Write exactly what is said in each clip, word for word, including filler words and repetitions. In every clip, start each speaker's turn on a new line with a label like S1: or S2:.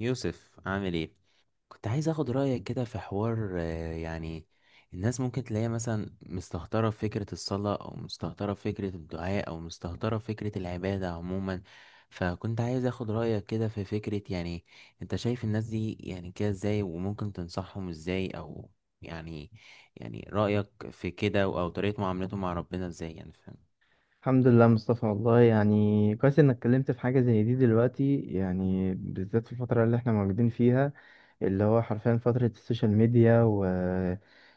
S1: يوسف عامل ايه؟ كنت عايز اخد رايك كده في حوار، آه، يعني الناس ممكن تلاقيها مثلا مستهترة في فكرة الصلاة او مستهترة في فكرة الدعاء او مستهترة في فكرة العبادة عموما. فكنت عايز اخد رايك كده في فكرة، يعني انت شايف الناس دي يعني كده ازاي، وممكن تنصحهم ازاي؟ او يعني يعني رايك في كده، او طريقة معاملتهم مع ربنا ازاي، يعني فاهم؟
S2: الحمد لله مصطفى، والله يعني كويس انك اتكلمت في حاجة زي دي دلوقتي، يعني بالذات في الفترة اللي احنا موجودين فيها، اللي هو حرفيا فترة السوشيال ميديا.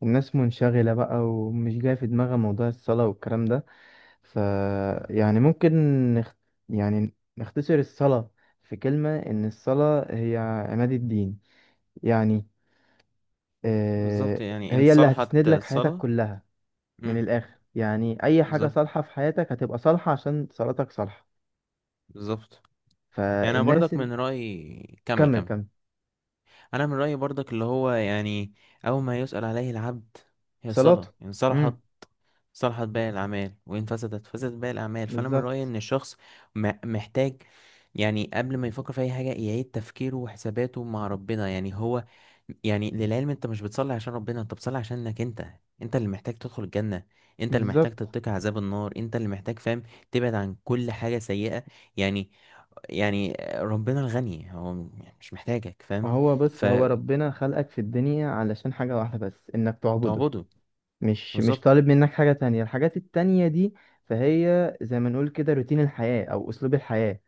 S2: والناس منشغلة بقى ومش جاية في دماغها موضوع الصلاة والكلام ده. ف، يعني ممكن نخ... يعني نختصر الصلاة في كلمة ان الصلاة هي عماد الدين. يعني آه،
S1: بالظبط، يعني إن
S2: هي اللي هتسند
S1: صلحت
S2: لك حياتك
S1: الصلاة.
S2: كلها. من
S1: مم.
S2: الآخر يعني أي حاجة
S1: بالظبط.
S2: صالحة في حياتك هتبقى صالحة عشان صلاتك صالحة.
S1: بالظبط. يعني انا
S2: فالناس
S1: برضك
S2: ال...
S1: من رايي. كمل
S2: كمل
S1: كمل.
S2: كمل.
S1: انا من رايي برضك، اللي هو يعني اول ما يسال عليه العبد هي
S2: صلاته.
S1: صلاه، ان
S2: امم.
S1: صلحت صلحت باقي الاعمال، وان فسدت فسدت باقي الاعمال. فانا من رايي
S2: بالظبط
S1: ان الشخص م- محتاج، يعني قبل ما يفكر في اي حاجه يعيد تفكيره وحساباته مع ربنا. يعني هو، يعني للعلم، انت مش بتصلي عشان ربنا، انت بتصلي عشانك انت. انت اللي محتاج تدخل الجنة، انت اللي محتاج
S2: بالظبط.
S1: تتقي عذاب النار، انت اللي محتاج، فاهم، تبعد عن كل حاجة سيئة. يعني، يعني ربنا الغني، هو م- يعني مش محتاجك، فاهم،
S2: وهو بص، هو
S1: فتعبده.
S2: ربنا خلقك في الدنيا علشان حاجة واحدة بس، انك تعبده. مش مش
S1: بالظبط.
S2: طالب منك حاجة تانية، الحاجات التانية دي فهي زي ما نقول كده روتين الحياة او اسلوب الحياة.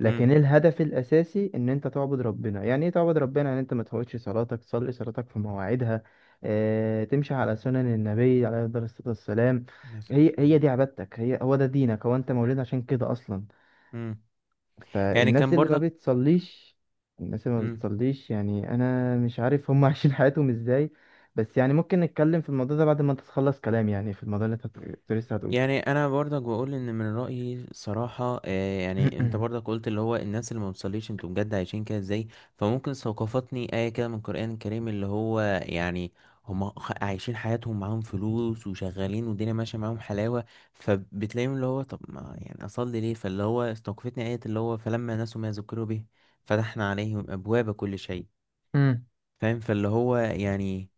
S2: لكن
S1: امم.
S2: الهدف الاساسي ان انت تعبد ربنا. يعني ايه تعبد ربنا؟ يعني انت ما تفوتش صلاتك، تصلي صلاتك في مواعيدها، اه تمشي على سنن النبي عليه الصلاة والسلام.
S1: عليه الصلاة
S2: هي
S1: والسلام.
S2: هي دي عبادتك، هي هو ده دينك، هو انت مولود عشان كده اصلا.
S1: امم. يعني
S2: فالناس
S1: كان
S2: اللي ما
S1: برضك.
S2: بتصليش، الناس اللي ما
S1: امم.
S2: بتصليش، يعني انا مش عارف هم عايشين حياتهم ازاي. بس يعني ممكن نتكلم في الموضوع ده بعد ما انت تخلص كلام، يعني في الموضوع اللي انت هت- كنت لسه هتقوله.
S1: يعني انا برضك بقول ان من رايي صراحه، آه، يعني انت برضك قلت اللي هو الناس اللي ما بتصليش، انتوا بجد عايشين كده ازاي؟ فممكن ثقافتني ايه كده من القران الكريم، اللي هو يعني هم عايشين حياتهم، معاهم فلوس وشغالين والدنيا ماشيه معاهم حلاوه، فبتلاقيهم اللي هو طب ما يعني اصلي ليه؟ فاللي هو استوقفتني ايه، اللي هو فلما نسوا ما ذكروا به فتحنا عليهم ابواب كل شيء.
S2: امم.
S1: فاهم؟ فاللي هو يعني،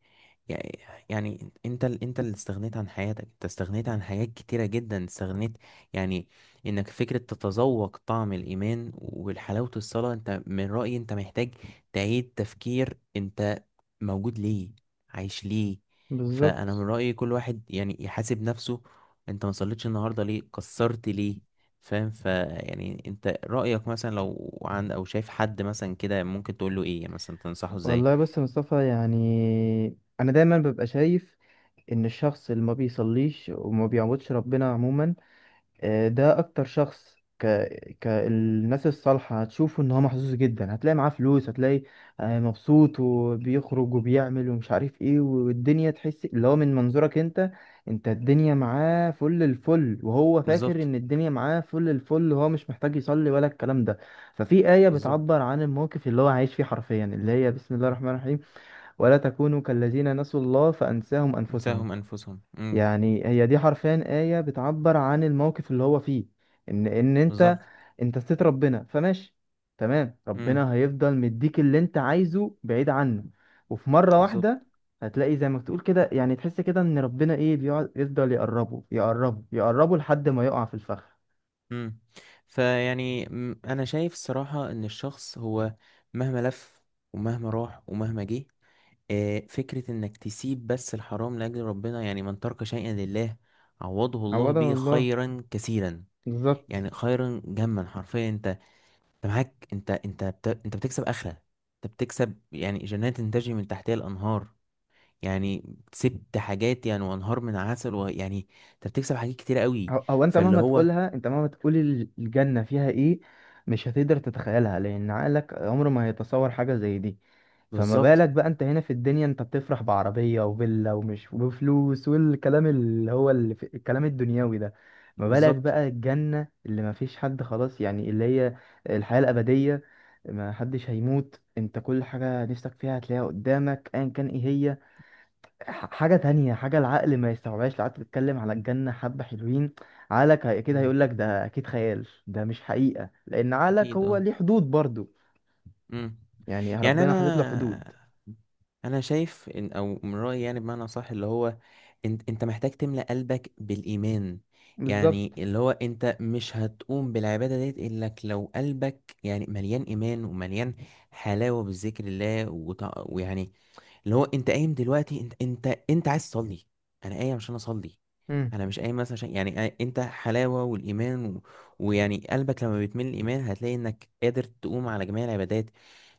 S1: يعني يعني انت ال- انت اللي استغنيت عن حياتك، انت استغنيت عن حاجات كتيرة جدا، استغنيت يعني انك فكرة تتذوق طعم الإيمان والحلاوة الصلاة. انت من رأيي انت محتاج تعيد تفكير، انت موجود ليه؟ عايش ليه؟ فأنا من
S2: بالظبط.
S1: رأيي كل واحد يعني يحاسب نفسه. انت ما صليتش النهاردة ليه؟ قصرت ليه؟ فاهم؟ فيعني انت رأيك مثلا، لو عند او شايف حد مثلا كده، ممكن تقول له ايه، يعني مثلا تنصحه ازاي؟
S2: والله بص يا مصطفى، يعني انا دايما ببقى شايف ان الشخص اللي ما بيصليش وما بيعبدش ربنا عموما، آه، ده اكتر شخص ك... كالناس الصالحة هتشوفه ان هو محظوظ جدا. هتلاقي معاه فلوس، هتلاقي آه، مبسوط وبيخرج وبيعمل ومش عارف ايه، والدنيا تحس اللي هو من منظورك انت، انت الدنيا معاه فل الفل، وهو فاكر
S1: بالظبط.
S2: ان الدنيا معاه فل الفل وهو مش محتاج يصلي ولا الكلام ده. ففي آية
S1: بالظبط.
S2: بتعبر عن الموقف اللي هو عايش فيه حرفيا، اللي هي بسم الله
S1: مم.
S2: الرحمن الرحيم، ولا تكونوا كالذين نسوا الله فأنساهم أنفسهم.
S1: انساهم انفسهم. امم.
S2: يعني هي دي حرفيا آية بتعبر عن الموقف اللي هو فيه، ان ان انت
S1: بالظبط.
S2: انت ستيت ربنا فماشي، تمام،
S1: امم.
S2: ربنا هيفضل مديك اللي انت عايزه بعيد عنه. وفي مرة
S1: بالظبط.
S2: واحدة هتلاقي زي ما تقول كده، يعني تحس كده ان ربنا ايه بيقعد يفضل يقربه يقربه يقربه لحد ما يقع في الفخ.
S1: امم. فيعني، مم، انا شايف الصراحه ان الشخص هو مهما لف ومهما راح ومهما جه، آه، فكره انك تسيب بس الحرام لاجل ربنا، يعني من ترك شيئا لله عوضه الله
S2: عوضها
S1: به
S2: الله.
S1: خيرا كثيرا،
S2: بالظبط.
S1: يعني خيرا جما حرفيا. انت انت معاك، انت انت بت... انت بتكسب اخره، انت بتكسب يعني جنات تجري من تحتها الانهار، يعني كسبت حاجات يعني، وانهار من عسل، ويعني انت بتكسب حاجات كتير قوي.
S2: هو هو انت
S1: فاللي
S2: مهما
S1: هو،
S2: تقولها، انت مهما تقول ال- الجنة فيها ايه، مش هتقدر تتخيلها لان عقلك عمره ما هيتصور حاجة زي دي. فما
S1: بالظبط.
S2: بالك بقى انت هنا في الدنيا انت بتفرح بعربية وفيلا ومش وفلوس والكلام اللي هو اللي في الكلام الدنيوي ده؟ ما بالك
S1: بالظبط.
S2: بقى الجنة اللي ما فيش حد، خلاص، يعني اللي هي الحياة الأبدية، ما حدش هيموت، انت كل حاجة نفسك فيها هتلاقيها قدامك ايا كان ايه هي. ح- حاجة تانية، حاجة العقل ما يستوعبهاش. لو قعدت تتكلم على الجنة حبة حلوين، عقلك هي- كده
S1: امم.
S2: هيقولك ده أكيد خيال، ده مش حقيقة لأن عقلك
S1: اكيد
S2: هو
S1: اه.
S2: ليه حدود برضو.
S1: امم.
S2: يعني
S1: يعني
S2: ربنا حاطط له حدود.
S1: انا انا شايف ان، او من رايي يعني بمعنى صح، اللي هو انت انت محتاج تملأ قلبك بالايمان. يعني
S2: بالظبط.
S1: اللي هو، انت مش هتقوم بالعباده ديت الا لك لو قلبك يعني مليان ايمان، ومليان حلاوه بالذكر الله وتع- ويعني اللي هو، انت قايم دلوقتي، انت انت انت عايز تصلي، انا قايم عشان اصلي،
S2: امم.
S1: انا مش قايم مثلا عشان يعني آ- انت حلاوه والايمان و... ويعني قلبك لما بيتملي الايمان هتلاقي انك قادر تقوم على جميع العبادات.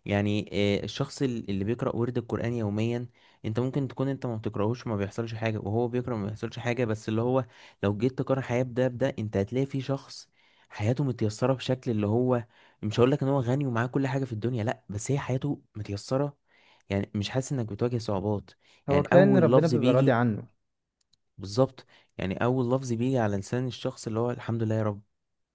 S1: يعني، آه، الشخص ال- اللي بيقرأ ورد القرآن يوميا، انت ممكن تكون انت ما بتقرأهوش ما بيحصلش حاجة، وهو بيقرأ ما بيحصلش حاجة، بس اللي هو لو جيت تقارن حياة بده بده، انت هتلاقي في شخص حياته متيسرة بشكل اللي هو، مش هقول لك ان هو غني ومعاه كل حاجة في الدنيا، لا، بس هي حياته متيسرة، يعني مش حاسس انك بتواجه صعوبات.
S2: هو
S1: يعني
S2: كفاية إن
S1: اول
S2: ربنا
S1: لفظ
S2: بيبقى راضي
S1: بيجي،
S2: عنه.
S1: بالظبط، يعني اول لفظ بيجي على لسان الشخص اللي هو، الحمد لله يا رب،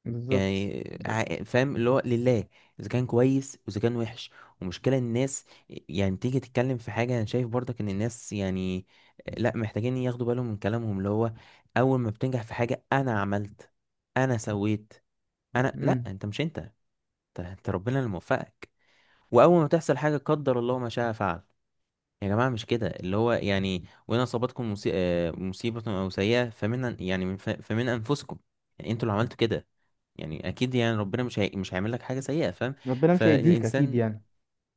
S2: بالظبط
S1: يعني
S2: بالظبط.
S1: ع- فاهم، اللي هو لله اذا كان كويس واذا كان وحش. ومشكلة الناس، يعني تيجي تتكلم في حاجة، انا شايف برضك ان الناس يعني لا، محتاجين ياخدوا بالهم من كلامهم، اللي هو اول ما بتنجح في حاجة، انا عملت، انا سويت، انا، لا،
S2: امم.
S1: انت، مش انت، انت أنت، ربنا اللي موفقك. واول ما تحصل حاجة، قدر الله ما شاء فعل، يا جماعة مش كده، اللي هو يعني وإن أصابتكم مصي- آه، مصيبة أو سيئة فمن، يعني من ف- فمن أنفسكم، يعني أنتوا اللي عملتوا كده، يعني أكيد، يعني ربنا مش هي... مش هيعمل لك حاجة سيئة، فاهم؟
S2: ربنا مش هيأذيك أكيد
S1: فالإنسان،
S2: يعني.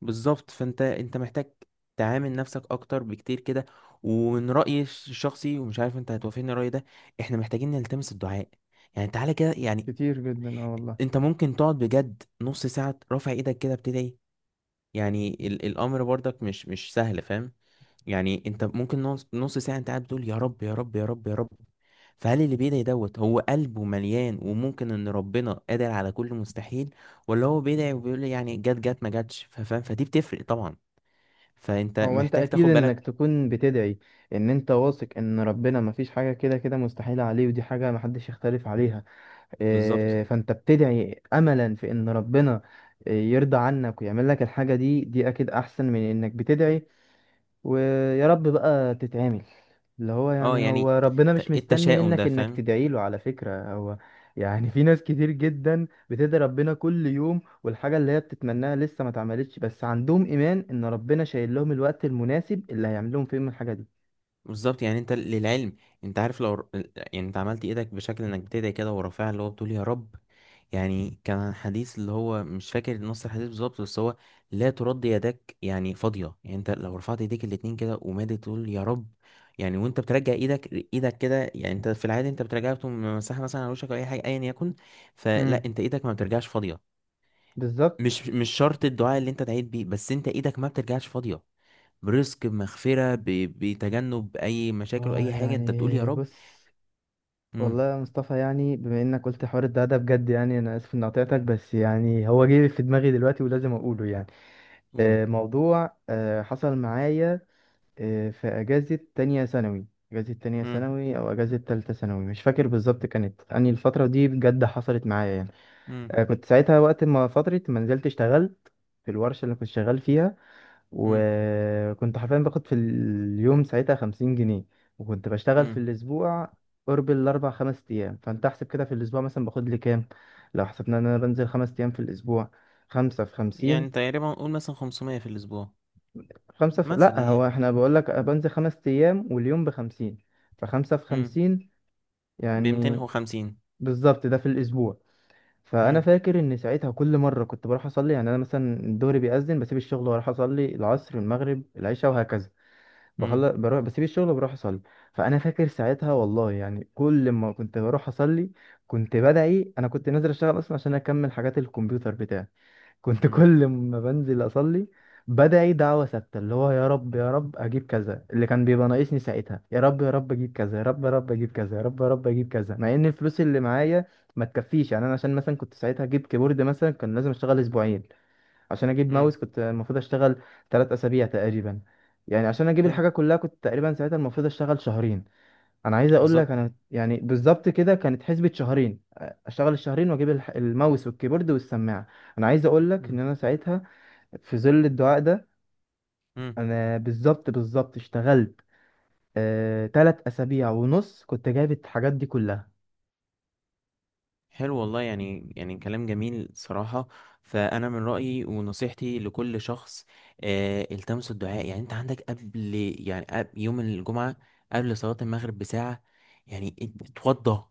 S1: بالظبط، فأنت، أنت محتاج تعامل نفسك أكتر بكتير كده. ومن رأيي الش- الشخصي، ومش عارف أنت هتوافقني الرأي ده، إحنا محتاجين نلتمس الدعاء، يعني تعالى كده، يعني
S2: كتير جدا اه والله.
S1: أنت ممكن تقعد بجد نص ساعة رافع إيدك كده بتدعي. يعني ال... الأمر برضك مش مش سهل، فاهم. يعني انت ممكن نص نص ساعة انت قاعد بتقول يا رب يا رب يا رب يا رب. فهل اللي بيدعي دوت، هو قلبه مليان وممكن ان ربنا قادر على كل مستحيل، ولا هو بيدعي وبيقول يعني جت جت ما جاتش، ف- فاهم، فدي بتفرق طبعا، فانت
S2: هو أنت
S1: محتاج
S2: أكيد
S1: تاخد
S2: إنك
S1: بالك.
S2: تكون بتدعي إن أنت واثق إن ربنا مفيش حاجة كده كده مستحيلة عليه، ودي حاجة محدش يختلف عليها.
S1: بالظبط.
S2: آه، فانت بتدعي املا في ان ربنا آه، يرضى عنك ويعمل لك الحاجة دي، دي اكيد احسن من انك بتدعي ويا رب بقى تتعمل. اللي هو
S1: اه
S2: يعني هو
S1: يعني
S2: ربنا مش
S1: الت-
S2: مستني
S1: التشاؤم
S2: منك
S1: ده،
S2: انك
S1: فاهم.
S2: تدعي له على فكرة هو. يعني في ناس كتير جدا بتدعي ربنا كل يوم والحاجة اللي هي بتتمناها لسه ما اتعملتش، بس عندهم ايمان ان ربنا شايل لهم الوقت المناسب اللي هيعمل لهم فيهم الحاجة دي.
S1: بالظبط، يعني انت للعلم، انت عارف، لو ر- يعني انت عملت ايدك بشكل انك بتدعي كده ورافعها، اللي هو بتقول يا رب. يعني كان حديث، اللي هو مش فاكر نص الحديث بالظبط، بس هو لا ترد يدك يعني فاضية. يعني انت لو رفعت ايديك الاتنين كده ومادي تقول يا رب، يعني وانت بترجع ايدك ايدك كده، يعني انت في العادي انت بترجعها، بتقوم مسحها مثلا على وشك او اي حاجة ايا يكن. فلا،
S2: امم.
S1: انت ايدك ما بترجعش فاضية،
S2: بالظبط.
S1: مش مش شرط الدعاء اللي انت دعيت بيه، بس انت ايدك ما بترجعش فاضية، برزق، بمغفرة، ب... بتجنب أي مشاكل،
S2: آه،
S1: وأي حاجة أنت بتقول يا
S2: يعني
S1: رب.
S2: بص، والله
S1: امم.
S2: يا مصطفى، يعني بما انك قلت حوار الدعاء ده بجد، يعني انا اسف اني قطعتك بس يعني هو جه في دماغي دلوقتي ولازم اقوله يعني
S1: قول.
S2: آه، موضوع آه، حصل معايا آه، في اجازة تانية ثانوي. اجازة تانية
S1: امم.
S2: ثانوي او اجازة تالتة ثانوي مش فاكر بالظبط، كانت اني الفترة دي بجد حصلت معايا يعني
S1: امم.
S2: آه، كنت ساعتها، وقت ما فترة ما نزلت اشتغلت في الورشة اللي كنت شغال فيها،
S1: امم.
S2: وكنت حرفيا باخد في اليوم ساعتها خمسين جنيه. وكنت بشتغل في
S1: امم.
S2: الأسبوع قرب الأربع خمس أيام. فأنت أحسب كده في الأسبوع مثلا باخد لي كام؟ لو حسبنا إن أنا بنزل خمس أيام في الأسبوع، خمسة في
S1: يعني
S2: خمسين
S1: تقريبا قول مثلا خمسمائة في الأسبوع
S2: خمسة في،
S1: مثلا
S2: لأ، هو
S1: يعني.
S2: إحنا بقول لك بنزل خمس أيام واليوم بخمسين، فخمسة في
S1: امم.
S2: خمسين
S1: ب
S2: يعني.
S1: ميتين وخمسين.
S2: بالظبط، ده في الأسبوع. فأنا
S1: امم.
S2: فاكر إن ساعتها كل مرة كنت بروح أصلي، يعني أنا مثلا الظهر بيأذن بسيب الشغل وأروح أصلي، العصر، المغرب، العشاء، وهكذا.
S1: امم.
S2: بخلص بروح، بسيب الشغل وبروح اصلي. فانا فاكر ساعتها والله، يعني كل ما كنت بروح اصلي كنت بدعي. انا كنت نازل اشتغل اصلا عشان اكمل حاجات الكمبيوتر بتاعي. كنت
S1: امم.
S2: كل ما بنزل اصلي بدعي دعوة ثابتة اللي هو يا رب يا رب اجيب كذا، اللي كان بيبقى ناقصني ساعتها، يا رب يا رب اجيب كذا، يا رب يا رب اجيب كذا، يا رب يا رب اجيب كذا، مع ان الفلوس اللي معايا ما تكفيش. يعني انا عشان مثلا كنت ساعتها اجيب كيبورد مثلا كان لازم اشتغل اسبوعين، عشان اجيب ماوس
S1: امم.
S2: كنت المفروض اشتغل ثلاث اسابيع تقريبا. يعني عشان اجيب
S1: حلو.
S2: الحاجه كلها كنت تقريبا ساعتها المفروض اشتغل شهرين. انا عايز اقول لك
S1: بالظبط.
S2: انا يعني بالظبط كده كانت حسبة شهرين. اشتغل الشهرين واجيب الح- الماوس والكيبورد والسماعه. انا عايز اقول لك ان
S1: امم.
S2: انا ساعتها، في ظل الدعاء ده،
S1: إمم.
S2: انا بالظبط بالظبط اشتغلت آه، تلات اسابيع ونص كنت جايب الحاجات دي كلها.
S1: حلو والله، يعني يعني كلام جميل صراحة. فأنا من رأيي ونصيحتي لكل شخص، آه التمسوا الدعاء. يعني أنت عندك قبل، يعني قبل يوم الجمعة، قبل صلاة المغرب بساعة، يعني ات- اتوضى،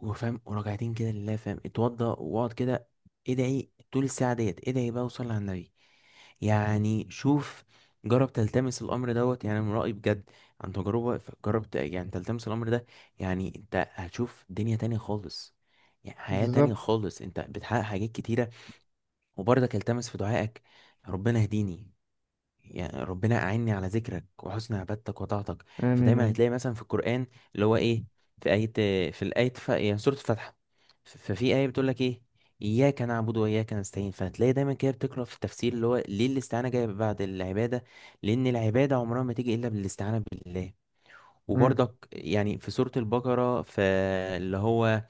S1: وفاهم، وراجعتين كده لله، فاهم، اتوضى واقعد كده، ادعي طول الساعة ديت، ادعي بقى وصلي على النبي. يعني شوف، جرب تلتمس الامر دوت، يعني من رأيي، بجد عن تجربة، ف- جرب ت- يعني تلتمس الامر ده، يعني انت هتشوف دنيا تانية خالص، يعني حياة تانية
S2: بالظبط.
S1: خالص، انت بتحقق حاجات كتيرة. وبرضك التمس في دعائك، ربنا اهديني، يعني ربنا أعني على ذكرك وحسن عبادتك وطاعتك.
S2: آمين يا
S1: فدايما
S2: رب.
S1: هتلاقي مثلا في القرآن، اللي هو إيه، في آية، في الآية ف... يعني سورة الفاتحة، ف- ففي آية بتقول لك إيه، إياك نعبد وإياك نستعين. فهتلاقي دايما كده بتقرأ في التفسير اللي هو ليه الاستعانة جاية بعد العبادة، لأن العبادة عمرها ما تيجي إلا بالاستعانة بالله.
S2: مم.
S1: وبرضك يعني في سورة البقرة، فاللي هو،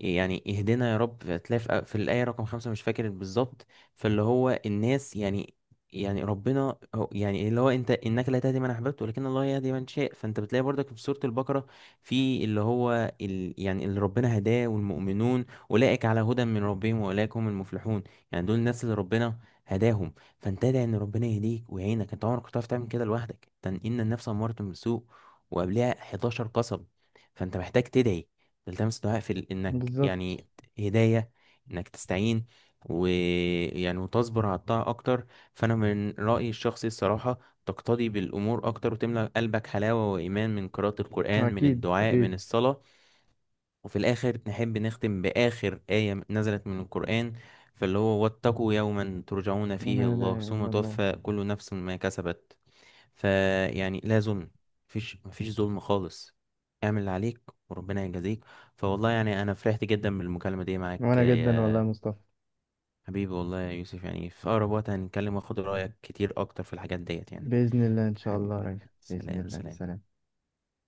S1: يعني اهدنا يا رب، هتلاقي في في الآية رقم خمسة مش فاكر بالظبط. فاللي هو الناس يعني، يعني ربنا هو- يعني اللي هو، انت انك لا تهدي من احببت ولكن الله يهدي من شاء. فانت بتلاقي برضك في سورة البقرة، في اللي هو ال يعني اللي ربنا هداه والمؤمنون، اولئك على هدى من ربهم واولئك هم المفلحون. يعني دول الناس اللي ربنا هداهم. فانت ادعي ان ربنا يهديك ويعينك، انت عمرك ما هتعرف تعمل كده لوحدك، تن- ان النفس امارة بالسوء، وقبلها احداشر قصب. فانت محتاج تدعي، تلتمس دعاء في ال- انك
S2: بالظبط.
S1: يعني هداية، انك تستعين، ويعني وتصبر على الطاعة اكتر. فانا من رأيي الشخصي الصراحة، تقتدي بالامور اكتر، وتملأ قلبك حلاوة وايمان من قراءة القرآن، من
S2: أكيد
S1: الدعاء، من
S2: أكيد.
S1: الصلاة. وفي الاخر نحب نختم باخر آية نزلت من القرآن، فاللي هو، واتقوا يوما ترجعون
S2: لا
S1: فيه الله
S2: إله
S1: ثم
S2: إلا الله.
S1: توفى كل نفس ما كسبت. فيعني لا ظلم، مفيش مفيش ظلم خالص، اعمل اللي عليك وربنا يجازيك. فوالله يعني، انا فرحت جدا بالمكالمة دي معاك
S2: وانا جدا والله يا
S1: يا
S2: مصطفى.
S1: حبيبي، والله يا يوسف، يعني في اقرب وقت هنتكلم واخد رأيك كتير اكتر في الحاجات ديت يعني.
S2: بإذن الله إن شاء الله
S1: حبيبي.
S2: يا ريس. بإذن
S1: سلام
S2: الله،
S1: سلام.
S2: سلام.